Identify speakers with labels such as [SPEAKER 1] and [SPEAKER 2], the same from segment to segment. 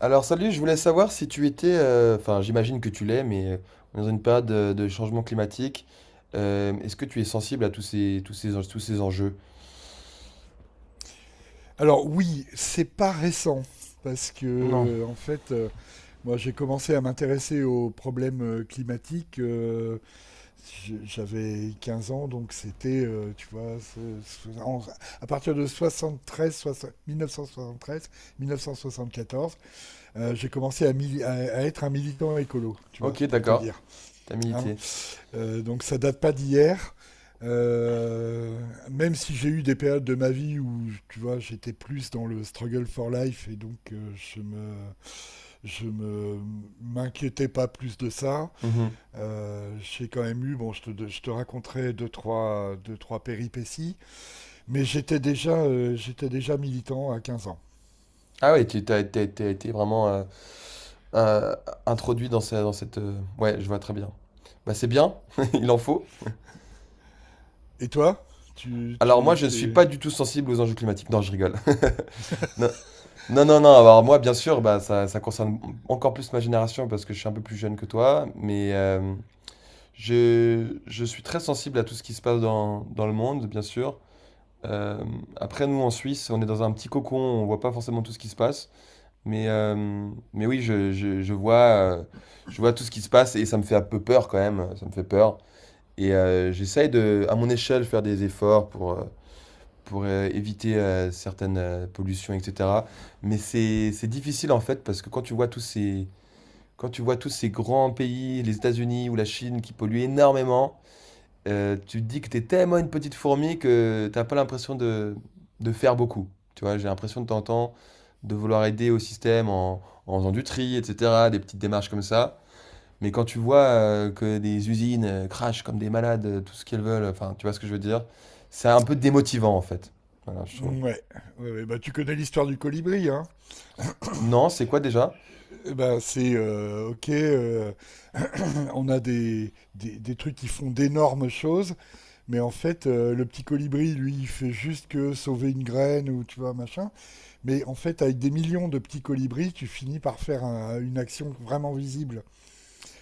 [SPEAKER 1] Alors salut, je voulais savoir si tu étais, enfin j'imagine que tu l'es, mais on est dans une période de changement climatique. Est-ce que tu es sensible à tous ces enjeux?
[SPEAKER 2] Alors oui, c'est pas récent parce que
[SPEAKER 1] Non.
[SPEAKER 2] en fait, moi j'ai commencé à m'intéresser aux problèmes climatiques. J'avais 15 ans, donc c'était, tu vois, à partir de 73, 1973, 1974, j'ai commencé à être un militant écolo, tu vois,
[SPEAKER 1] Ok,
[SPEAKER 2] pour te
[SPEAKER 1] d'accord.
[SPEAKER 2] dire.
[SPEAKER 1] T'as
[SPEAKER 2] Hein,
[SPEAKER 1] milité.
[SPEAKER 2] donc ça date pas d'hier. Euh, Même si j'ai eu des périodes de ma vie où, tu vois, j'étais plus dans le struggle for life et donc je me, m'inquiétais pas plus de ça.
[SPEAKER 1] Mhm.
[SPEAKER 2] J'ai quand même eu, bon, je te raconterai deux, trois péripéties, mais j'étais déjà militant à 15 ans.
[SPEAKER 1] Ah ouais, t'as été vraiment euh, introduit dans, dans cette... ouais, je vois très bien. Bah c'est bien, il en faut.
[SPEAKER 2] Et toi? Tu,
[SPEAKER 1] Alors moi,
[SPEAKER 2] tu,
[SPEAKER 1] je ne suis
[SPEAKER 2] t'es...
[SPEAKER 1] pas du tout sensible aux enjeux climatiques. Non, je rigole. Non, non, non, non, alors moi, bien sûr, bah, ça concerne encore plus ma génération parce que je suis un peu plus jeune que toi, mais je suis très sensible à tout ce qui se passe dans, dans le monde, bien sûr. Euh, Après, nous, en Suisse, on est dans un petit cocon, on voit pas forcément tout ce qui se passe, mais oui, euh, je vois tout ce qui se passe et ça me fait un peu peur quand même, ça me fait peur. Et j'essaye de, à mon échelle, faire des efforts pour, éviter certaines pollutions, etc. Mais c'est difficile en fait parce que quand tu vois tous ces grands pays, les États-Unis ou la Chine qui polluent énormément, tu te dis que tu es tellement une petite fourmi que t'as pas l'impression de faire beaucoup. Tu vois, j'ai l'impression de t'entendre de vouloir aider au système en faisant du tri, etc., des petites démarches comme ça. Mais quand tu vois que des usines crachent comme des malades tout ce qu'elles veulent, enfin, tu vois ce que je veux dire, c'est un peu démotivant en fait. Voilà, je trouve.
[SPEAKER 2] Ouais, ouais, ouais, bah tu connais l'histoire du colibri, hein?
[SPEAKER 1] Non, c'est quoi déjà?
[SPEAKER 2] Eh ben, c'est OK, on a des trucs qui font d'énormes choses, mais en fait, le petit colibri, lui, il fait juste que sauver une graine ou tu vois, machin. Mais en fait, avec des millions de petits colibris, tu finis par faire une action vraiment visible.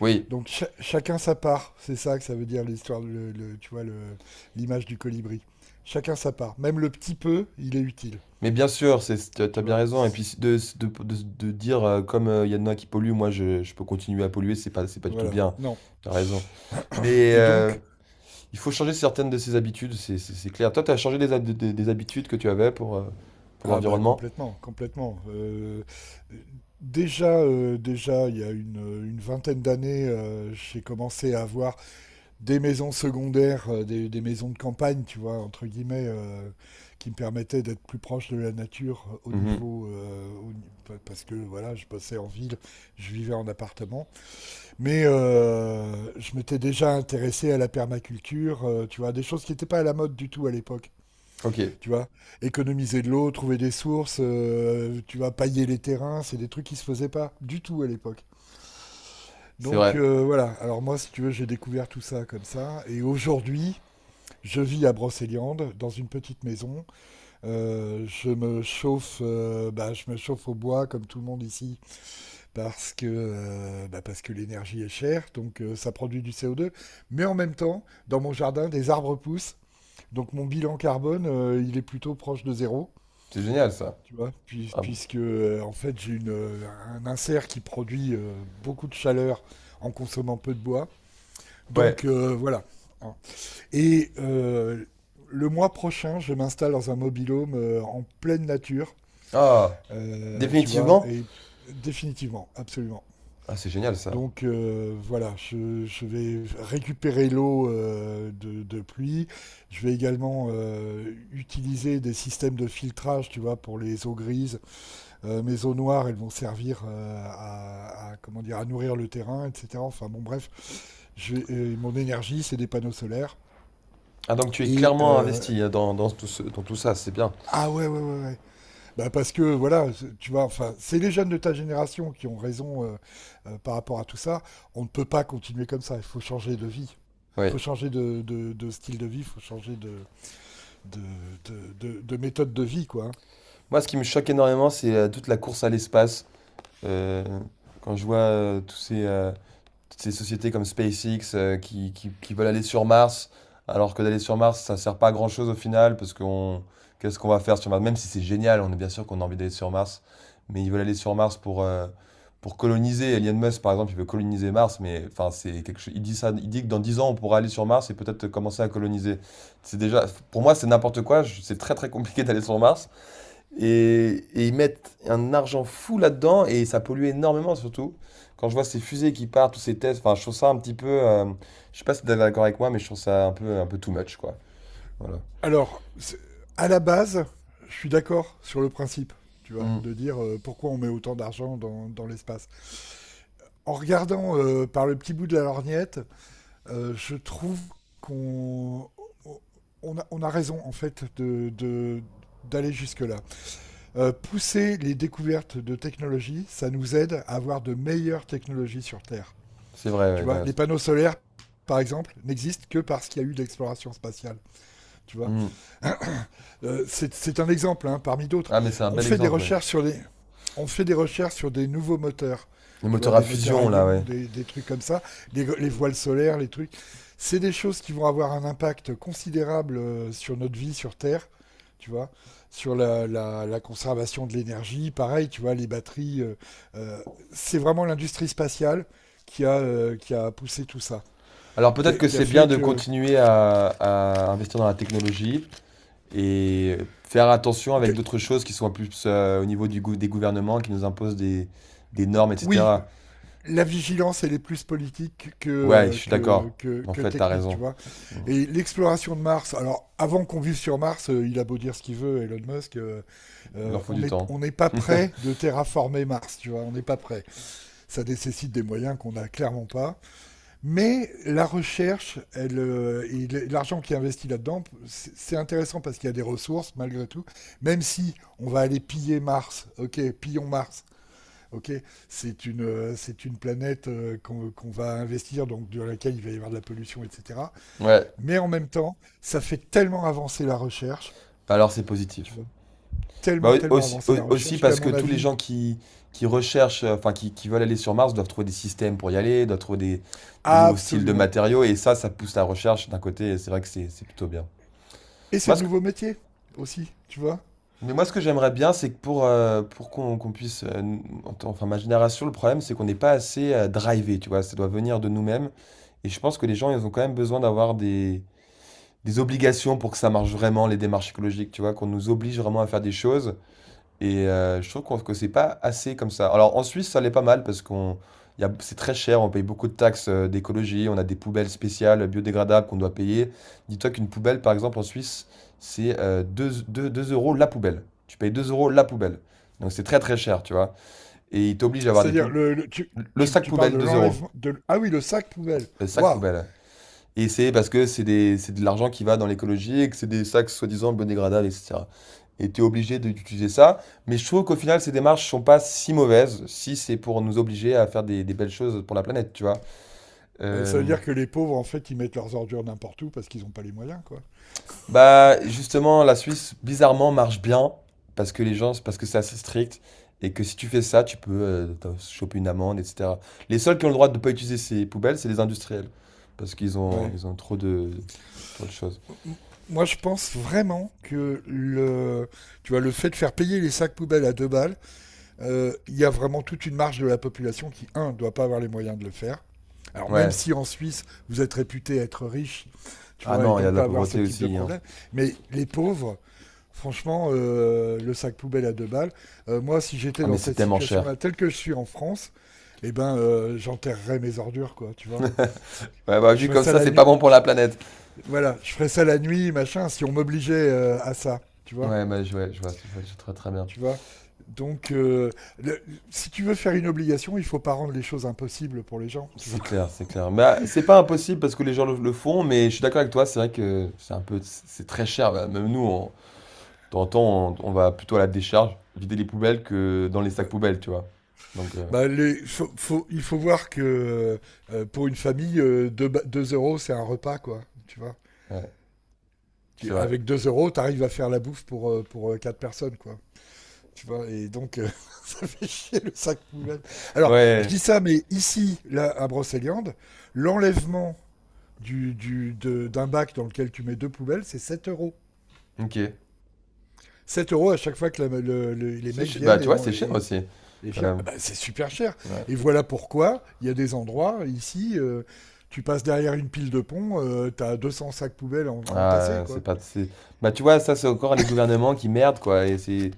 [SPEAKER 1] Oui,
[SPEAKER 2] Donc, chacun sa part. C'est ça que ça veut dire l'histoire, tu vois, l'image du colibri. Chacun sa part. Même le petit peu, il est utile.
[SPEAKER 1] mais bien sûr, t'as
[SPEAKER 2] Tu
[SPEAKER 1] bien
[SPEAKER 2] vois?
[SPEAKER 1] raison. Et puis de dire, comme il y en a qui polluent, moi je peux continuer à polluer, c'est pas du tout
[SPEAKER 2] Voilà.
[SPEAKER 1] bien.
[SPEAKER 2] Non.
[SPEAKER 1] T'as raison. Mais
[SPEAKER 2] Et donc,
[SPEAKER 1] il faut changer certaines de ses habitudes, c'est clair. Toi, t'as changé des, des habitudes que tu avais pour
[SPEAKER 2] ah bah
[SPEAKER 1] l'environnement?
[SPEAKER 2] complètement, complètement. Déjà, il y a une vingtaine d'années, j'ai commencé à avoir des maisons secondaires, des maisons de campagne, tu vois, entre guillemets, qui me permettaient d'être plus proche de la nature au
[SPEAKER 1] Mhm.
[SPEAKER 2] niveau, au ni- pa- parce que voilà, je passais en ville, je vivais en appartement, mais je m'étais déjà intéressé à la permaculture, tu vois, des choses qui n'étaient pas à la mode du tout à l'époque.
[SPEAKER 1] Ok,
[SPEAKER 2] Tu vois, économiser de l'eau, trouver des sources, tu vois, pailler les terrains, c'est des trucs qui se faisaient pas du tout à l'époque.
[SPEAKER 1] c'est
[SPEAKER 2] Donc
[SPEAKER 1] vrai.
[SPEAKER 2] voilà, alors moi, si tu veux, j'ai découvert tout ça comme ça. Et aujourd'hui, je vis à Brocéliande, dans une petite maison. Je me chauffe au bois, comme tout le monde ici, parce que l'énergie est chère, donc ça produit du CO2. Mais en même temps, dans mon jardin, des arbres poussent. Donc mon bilan carbone, il est plutôt proche de zéro.
[SPEAKER 1] C'est génial ça.
[SPEAKER 2] Tu vois,
[SPEAKER 1] Ah bon.
[SPEAKER 2] puisque en fait j'ai un insert qui produit beaucoup de chaleur en consommant peu de bois.
[SPEAKER 1] Ouais.
[SPEAKER 2] Donc voilà. Hein. Et le mois prochain, je m'installe dans un mobilhome en pleine nature,
[SPEAKER 1] Ah,
[SPEAKER 2] tu vois,
[SPEAKER 1] définitivement?
[SPEAKER 2] et définitivement, absolument.
[SPEAKER 1] Ah, c'est génial ça.
[SPEAKER 2] Donc voilà, je vais récupérer l'eau de pluie. Je vais également utiliser des systèmes de filtrage, tu vois, pour les eaux grises mes eaux noires, elles vont servir à, comment dire, à nourrir le terrain, etc. Enfin bon, bref, mon énergie, c'est des panneaux solaires.
[SPEAKER 1] Ah, donc tu es
[SPEAKER 2] Et
[SPEAKER 1] clairement investi hein, dans, dans tout dans tout ça, c'est bien.
[SPEAKER 2] ah ouais, ouais, ouais, ouais. Bah parce que voilà, tu vois, enfin, c'est les jeunes de ta génération qui ont raison par rapport à tout ça. On ne peut pas continuer comme ça. Il faut changer de vie. Il faut
[SPEAKER 1] Ouais.
[SPEAKER 2] changer de style de vie. Il faut changer de, de méthode de vie, quoi.
[SPEAKER 1] Moi, ce qui me choque énormément, c'est toute la course à l'espace. Euh, Quand je vois toutes ces sociétés comme SpaceX qui veulent aller sur Mars, alors que d'aller sur Mars, ça ne sert pas à grand-chose au final, qu'est-ce qu'on va faire sur Mars? Même si c'est génial, on est bien sûr qu'on a envie d'aller sur Mars, mais ils veulent aller sur Mars pour coloniser. Elon Musk, par exemple, il veut coloniser Mars, mais enfin, c'est quelque chose. Il dit ça, il dit que dans 10 ans, on pourra aller sur Mars et peut-être commencer à coloniser. C'est déjà, pour moi, c'est n'importe quoi. C'est très très compliqué d'aller sur Mars. Et ils mettent un argent fou là-dedans et ça pollue énormément surtout. Quand je vois ces fusées qui partent, tous ces tests, enfin, je trouve ça un petit peu. Je sais pas si t'es d'accord avec moi, mais je trouve ça un peu too much, quoi. Voilà.
[SPEAKER 2] Alors, à la base, je suis d'accord sur le principe, tu vois,
[SPEAKER 1] Mm.
[SPEAKER 2] de dire pourquoi on met autant d'argent dans l'espace. En regardant par le petit bout de la lorgnette, je trouve qu'on a raison, en fait, d'aller jusque-là. Pousser les découvertes de technologies, ça nous aide à avoir de meilleures technologies sur Terre.
[SPEAKER 1] C'est vrai,
[SPEAKER 2] Tu
[SPEAKER 1] ouais,
[SPEAKER 2] vois, les
[SPEAKER 1] Daz.
[SPEAKER 2] panneaux solaires, par exemple, n'existent que parce qu'il y a eu de l'exploration spatiale, tu vois,
[SPEAKER 1] Mm.
[SPEAKER 2] c'est un exemple, hein, parmi d'autres.
[SPEAKER 1] Ah, mais c'est un
[SPEAKER 2] On
[SPEAKER 1] bel
[SPEAKER 2] fait des
[SPEAKER 1] exemple, ouais.
[SPEAKER 2] recherches sur des nouveaux moteurs.
[SPEAKER 1] Les
[SPEAKER 2] Tu vois,
[SPEAKER 1] moteurs à
[SPEAKER 2] des moteurs à
[SPEAKER 1] fusion, là,
[SPEAKER 2] ions,
[SPEAKER 1] ouais.
[SPEAKER 2] des trucs comme ça, les voiles solaires, les trucs. C'est des choses qui vont avoir un impact considérable sur notre vie sur Terre, tu vois, sur la conservation de l'énergie. Pareil, tu vois, les batteries. Euh, c'est vraiment l'industrie spatiale qui a poussé tout ça,
[SPEAKER 1] Alors peut-être que
[SPEAKER 2] qui a
[SPEAKER 1] c'est bien
[SPEAKER 2] fait
[SPEAKER 1] de
[SPEAKER 2] que,
[SPEAKER 1] continuer à investir dans la technologie et faire attention avec
[SPEAKER 2] que-
[SPEAKER 1] d'autres choses qui sont plus au niveau des gouvernements qui nous imposent des normes,
[SPEAKER 2] oui,
[SPEAKER 1] etc.
[SPEAKER 2] la vigilance, elle est plus politique que,
[SPEAKER 1] Ouais, je suis d'accord. En
[SPEAKER 2] que
[SPEAKER 1] fait, t'as
[SPEAKER 2] technique, tu
[SPEAKER 1] raison.
[SPEAKER 2] vois.
[SPEAKER 1] Mm.
[SPEAKER 2] Et l'exploration de Mars, alors avant qu'on vive sur Mars, il a beau dire ce qu'il veut, Elon Musk,
[SPEAKER 1] Il en faut du temps.
[SPEAKER 2] on n'est pas prêt de terraformer Mars, tu vois, on n'est pas prêt. Ça nécessite des moyens qu'on n'a clairement pas. Mais la recherche, elle, l'argent qui est investi là-dedans, c'est intéressant parce qu'il y a des ressources malgré tout. Même si on va aller piller Mars, ok, pillons Mars, ok, c'est une planète qu'on va investir, donc dans laquelle il va y avoir de la pollution, etc.
[SPEAKER 1] Ouais,
[SPEAKER 2] Mais en même temps, ça fait tellement avancer la recherche,
[SPEAKER 1] bah alors c'est
[SPEAKER 2] tu
[SPEAKER 1] positif.
[SPEAKER 2] vois,
[SPEAKER 1] Bah
[SPEAKER 2] tellement,
[SPEAKER 1] oui,
[SPEAKER 2] tellement avancer la
[SPEAKER 1] aussi
[SPEAKER 2] recherche qu'à
[SPEAKER 1] parce que
[SPEAKER 2] mon
[SPEAKER 1] tous les
[SPEAKER 2] avis,
[SPEAKER 1] gens qui recherchent, enfin qui veulent aller sur Mars doivent trouver des systèmes pour y aller, doivent trouver des nouveaux styles de
[SPEAKER 2] absolument.
[SPEAKER 1] matériaux, et ça pousse la recherche d'un côté, et c'est vrai que c'est plutôt bien.
[SPEAKER 2] Et c'est
[SPEAKER 1] Moi,
[SPEAKER 2] de
[SPEAKER 1] ce que-
[SPEAKER 2] nouveaux métiers aussi, tu vois.
[SPEAKER 1] mais moi, ce que j'aimerais bien, c'est que pour qu'on puisse, enfin ma génération, le problème, c'est qu'on n'est pas assez drivé, tu vois, ça doit venir de nous-mêmes, et je pense que les gens, ils ont quand même besoin d'avoir des obligations pour que ça marche vraiment, les démarches écologiques, tu vois, qu'on nous oblige vraiment à faire des choses. Et je trouve que c'est pas assez comme ça. Alors en Suisse, ça l'est pas mal c'est très cher, on paye beaucoup de taxes d'écologie, on a des poubelles spéciales biodégradables qu'on doit payer. Dis-toi qu'une poubelle, par exemple, en Suisse, c'est 2, 2 euros la poubelle. Tu payes 2 euros la poubelle. Donc c'est très très cher, tu vois. Et ils t'obligent à avoir des
[SPEAKER 2] C'est-à-dire,
[SPEAKER 1] poubelles. Le sac
[SPEAKER 2] tu parles
[SPEAKER 1] poubelle,
[SPEAKER 2] de
[SPEAKER 1] 2 euros.
[SPEAKER 2] l'enlèvement, ah oui, le sac poubelle.
[SPEAKER 1] Le sac
[SPEAKER 2] Waouh!
[SPEAKER 1] poubelle. Et c'est parce que c'est de l'argent qui va dans l'écologie et que c'est des sacs soi-disant biodégradables, etc. Et tu es obligé d'utiliser ça. Mais je trouve qu'au final, ces démarches sont pas si mauvaises si c'est pour nous obliger à faire des belles choses pour la planète, tu vois.
[SPEAKER 2] Ça veut
[SPEAKER 1] Euh,
[SPEAKER 2] dire que les pauvres, en fait, ils mettent leurs ordures n'importe où parce qu'ils n'ont pas les moyens, quoi.
[SPEAKER 1] Bah, justement, la Suisse, bizarrement, marche bien parce que c'est assez strict et que si tu fais ça, tu peux t'en choper une amende, etc. Les seuls qui ont le droit de ne pas utiliser ces poubelles, c'est les industriels parce
[SPEAKER 2] Ouais.
[SPEAKER 1] ils ont trop trop de choses.
[SPEAKER 2] Moi, je pense vraiment que tu vois, le fait de faire payer les sacs poubelles à 2 balles. Euh, il y a vraiment toute une marge de la population qui, un, ne doit pas avoir les moyens de le faire. Alors, même
[SPEAKER 1] Ouais.
[SPEAKER 2] si en Suisse, vous êtes réputé être riche, tu
[SPEAKER 1] Ah
[SPEAKER 2] vois, et
[SPEAKER 1] non, il y a
[SPEAKER 2] donc
[SPEAKER 1] de la
[SPEAKER 2] pas avoir ce
[SPEAKER 1] pauvreté
[SPEAKER 2] type de
[SPEAKER 1] aussi, hein.
[SPEAKER 2] problème, mais les pauvres, franchement, le sac poubelle à 2 balles, moi, si j'étais
[SPEAKER 1] Ah mais
[SPEAKER 2] dans
[SPEAKER 1] c'est
[SPEAKER 2] cette
[SPEAKER 1] tellement cher.
[SPEAKER 2] situation-là, telle que je suis en France, eh ben, j'enterrerais mes ordures, quoi, tu vois.
[SPEAKER 1] Ouais, bah,
[SPEAKER 2] Je
[SPEAKER 1] vu
[SPEAKER 2] ferais
[SPEAKER 1] comme
[SPEAKER 2] ça
[SPEAKER 1] ça,
[SPEAKER 2] la
[SPEAKER 1] c'est pas
[SPEAKER 2] nuit,
[SPEAKER 1] bon pour la planète.
[SPEAKER 2] voilà, je ferais ça la nuit, machin, si on m'obligeait à ça,
[SPEAKER 1] Ouais, bah, ouais, je vois je très très bien.
[SPEAKER 2] tu vois. Donc, le- si tu veux faire une obligation, il faut pas rendre les choses impossibles pour les gens, tu
[SPEAKER 1] C'est
[SPEAKER 2] vois.
[SPEAKER 1] clair, c'est clair. Mais ah, c'est pas impossible parce que les gens le font, mais je suis d'accord avec toi, c'est vrai que c'est un peu, c'est très cher. Bah, même nous, de temps en temps, on va plutôt à la décharge, vider les poubelles que dans les sacs
[SPEAKER 2] Ouais.
[SPEAKER 1] poubelles, tu vois. Donc,
[SPEAKER 2] Bah, il faut voir que pour une famille, 2 euros, c'est un repas, quoi, tu vois.
[SPEAKER 1] ouais, c'est vrai.
[SPEAKER 2] Avec 2 euros, t'arrives à faire la bouffe pour 4 personnes, quoi. Tu vois, et donc, ça fait chier le sac poubelle. Alors, je
[SPEAKER 1] Ouais,
[SPEAKER 2] dis ça, mais ici, là, à Brocéliande, l'enlèvement d'un bac dans lequel tu mets deux poubelles, c'est 7 euros.
[SPEAKER 1] ok.
[SPEAKER 2] 7 euros à chaque fois que les mecs
[SPEAKER 1] Bah,
[SPEAKER 2] viennent
[SPEAKER 1] tu
[SPEAKER 2] et,
[SPEAKER 1] vois,
[SPEAKER 2] on-
[SPEAKER 1] c'est cher
[SPEAKER 2] et,
[SPEAKER 1] aussi,
[SPEAKER 2] et
[SPEAKER 1] quand
[SPEAKER 2] virent.
[SPEAKER 1] même.
[SPEAKER 2] Ah bah, c'est super cher.
[SPEAKER 1] Ouais.
[SPEAKER 2] Et voilà pourquoi il y a des endroits ici, tu passes derrière une pile de pont, tu as 200 sacs poubelles entassés,
[SPEAKER 1] Ah, c'est
[SPEAKER 2] quoi.
[SPEAKER 1] pas, c'est- bah, tu vois, ça, c'est encore les gouvernements qui merdent, quoi.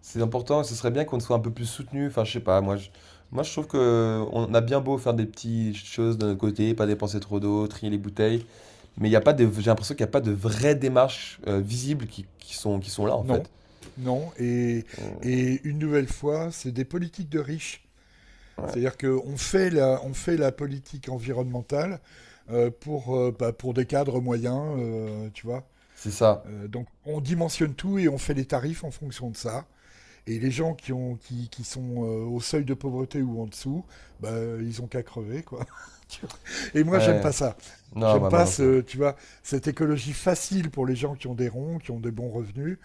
[SPEAKER 1] C'est important, ce serait bien qu'on soit un peu plus soutenu. Enfin, je sais pas, moi, je trouve que on a bien beau faire des petites choses de notre côté, pas dépenser trop d'eau, trier les bouteilles, mais il y a pas de, j'ai l'impression qu'il n'y a pas de vraies démarches visibles qui sont là en
[SPEAKER 2] Non,
[SPEAKER 1] fait.
[SPEAKER 2] non. Et,
[SPEAKER 1] Euh,
[SPEAKER 2] et une nouvelle fois, c'est des politiques de riches.
[SPEAKER 1] ouais,
[SPEAKER 2] C'est-à-dire qu'on fait on fait la politique environnementale pour des cadres moyens, tu vois.
[SPEAKER 1] c'est ça.
[SPEAKER 2] Donc on dimensionne tout et on fait les tarifs en fonction de ça. Et les gens qui sont au seuil de pauvreté ou en dessous, bah, ils ont qu'à crever quoi. Tu vois, et moi j'aime
[SPEAKER 1] Ouais,
[SPEAKER 2] pas ça.
[SPEAKER 1] non,
[SPEAKER 2] J'aime
[SPEAKER 1] bah, moi
[SPEAKER 2] pas
[SPEAKER 1] non plus.
[SPEAKER 2] tu vois, cette écologie facile pour les gens qui ont des ronds, qui ont des bons revenus,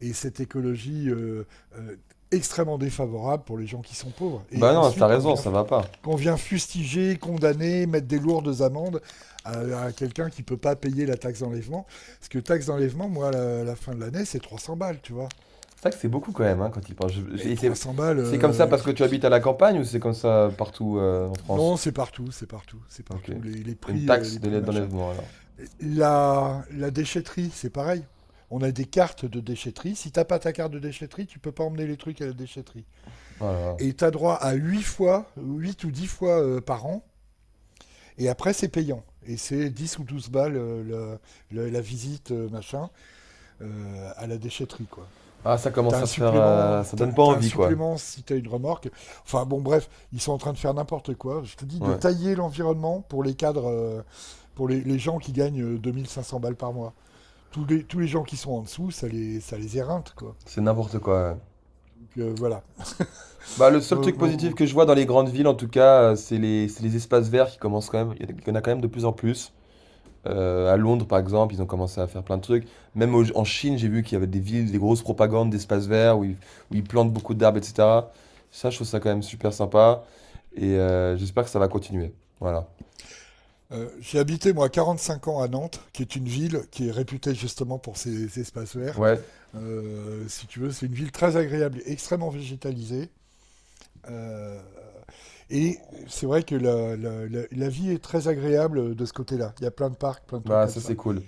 [SPEAKER 2] et cette écologie euh, extrêmement défavorable pour les gens qui sont pauvres. Et
[SPEAKER 1] Bah non, t'as
[SPEAKER 2] ensuite
[SPEAKER 1] raison, ça va pas.
[SPEAKER 2] qu'on vient fustiger, condamner, mettre des lourdes amendes à quelqu'un qui peut pas payer la taxe d'enlèvement. Parce que taxe d'enlèvement, moi, à la fin de l'année, c'est 300 balles, tu vois.
[SPEAKER 1] C'est vrai que c'est beaucoup quand même hein, quand il pense.
[SPEAKER 2] Mais
[SPEAKER 1] C'est
[SPEAKER 2] 300 balles,
[SPEAKER 1] comme ça
[SPEAKER 2] euh,
[SPEAKER 1] parce que
[SPEAKER 2] qui,
[SPEAKER 1] tu
[SPEAKER 2] qui...
[SPEAKER 1] habites à la campagne ou c'est comme ça partout en France?
[SPEAKER 2] Non, c'est partout, c'est partout, c'est
[SPEAKER 1] Ok.
[SPEAKER 2] partout. Les, les
[SPEAKER 1] Une
[SPEAKER 2] prix, euh,
[SPEAKER 1] taxe
[SPEAKER 2] les prix machin.
[SPEAKER 1] d'enlèvement alors.
[SPEAKER 2] La déchetterie, c'est pareil. On a des cartes de déchetterie. Si t'as pas ta carte de déchetterie, tu peux pas emmener les trucs à la déchetterie.
[SPEAKER 1] Voilà.
[SPEAKER 2] Et tu as droit à 8 ou 10 fois par an. Et après, c'est payant. Et c'est 10 ou 12 balles la visite, machin, à la déchetterie, quoi.
[SPEAKER 1] Ah, ça
[SPEAKER 2] T'as
[SPEAKER 1] commence
[SPEAKER 2] un
[SPEAKER 1] à faire.
[SPEAKER 2] supplément,
[SPEAKER 1] Ça donne pas
[SPEAKER 2] t'as un
[SPEAKER 1] envie, quoi.
[SPEAKER 2] supplément si t'as une remorque. Enfin bon, bref, ils sont en train de faire n'importe quoi. Je te dis de
[SPEAKER 1] Ouais,
[SPEAKER 2] tailler l'environnement pour les cadres, pour les gens qui gagnent 2500 balles par mois. Tous les gens qui sont en dessous, ça les éreinte, quoi.
[SPEAKER 1] c'est n'importe quoi, ouais.
[SPEAKER 2] Donc voilà.
[SPEAKER 1] Bah, le seul
[SPEAKER 2] Mon-
[SPEAKER 1] truc positif
[SPEAKER 2] mon-
[SPEAKER 1] que je vois dans les grandes villes, en tout cas, c'est les espaces verts qui commencent quand même. Il y en a quand même de plus en plus. À Londres, par exemple, ils ont commencé à faire plein de trucs. Même en Chine, j'ai vu qu'il y avait des villes, des grosses propagandes d'espaces verts où ils plantent beaucoup d'arbres, etc. Ça, je trouve ça quand même super sympa. Et j'espère que ça va continuer. Voilà.
[SPEAKER 2] J'ai habité moi 45 ans à Nantes, qui est une ville qui est réputée justement pour ses espaces verts.
[SPEAKER 1] Ouais,
[SPEAKER 2] Si tu veux, c'est une ville très agréable, extrêmement végétalisée. Euh, et c'est vrai que la vie est très agréable de ce côté-là. Il y a plein de parcs, plein de trucs
[SPEAKER 1] bah,
[SPEAKER 2] comme
[SPEAKER 1] ça,
[SPEAKER 2] ça.
[SPEAKER 1] c'est cool.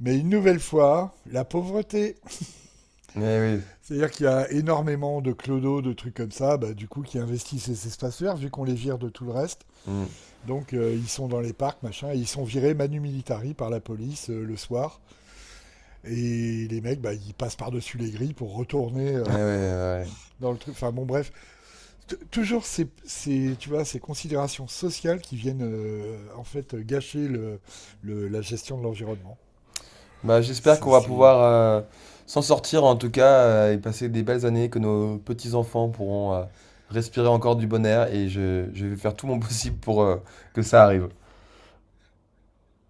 [SPEAKER 2] Mais une nouvelle fois, la pauvreté.
[SPEAKER 1] Eh oui.
[SPEAKER 2] C'est-à-dire qu'il y a énormément de clodos, de trucs comme ça, bah, du coup, qui investissent ces espaces verts, vu qu'on les vire de tout le reste.
[SPEAKER 1] Mm.
[SPEAKER 2] Donc, ils sont dans les parcs, machin, et ils sont virés manu militari par la police le soir. Et les mecs, bah, ils passent par-dessus les grilles pour retourner
[SPEAKER 1] Eh oui, ouais, ouais.
[SPEAKER 2] dans le truc. Enfin bon, bref, toujours ces considérations sociales qui viennent en fait gâcher la gestion de l'environnement.
[SPEAKER 1] Bah, j'espère
[SPEAKER 2] C'est,
[SPEAKER 1] qu'on va
[SPEAKER 2] c'est-
[SPEAKER 1] pouvoir s'en sortir en tout cas et passer des belles années, que nos petits-enfants pourront respirer encore du bon air et je vais faire tout mon possible pour que ça arrive.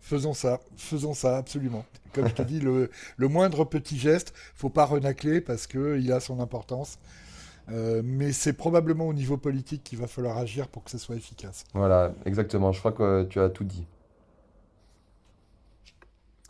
[SPEAKER 2] Faisons ça absolument. Et comme je te dis, le moindre petit geste, faut pas renacler parce que il a son importance. Mais c'est probablement au niveau politique qu'il va falloir agir pour que ce soit efficace.
[SPEAKER 1] Voilà, exactement, je crois que tu as tout dit.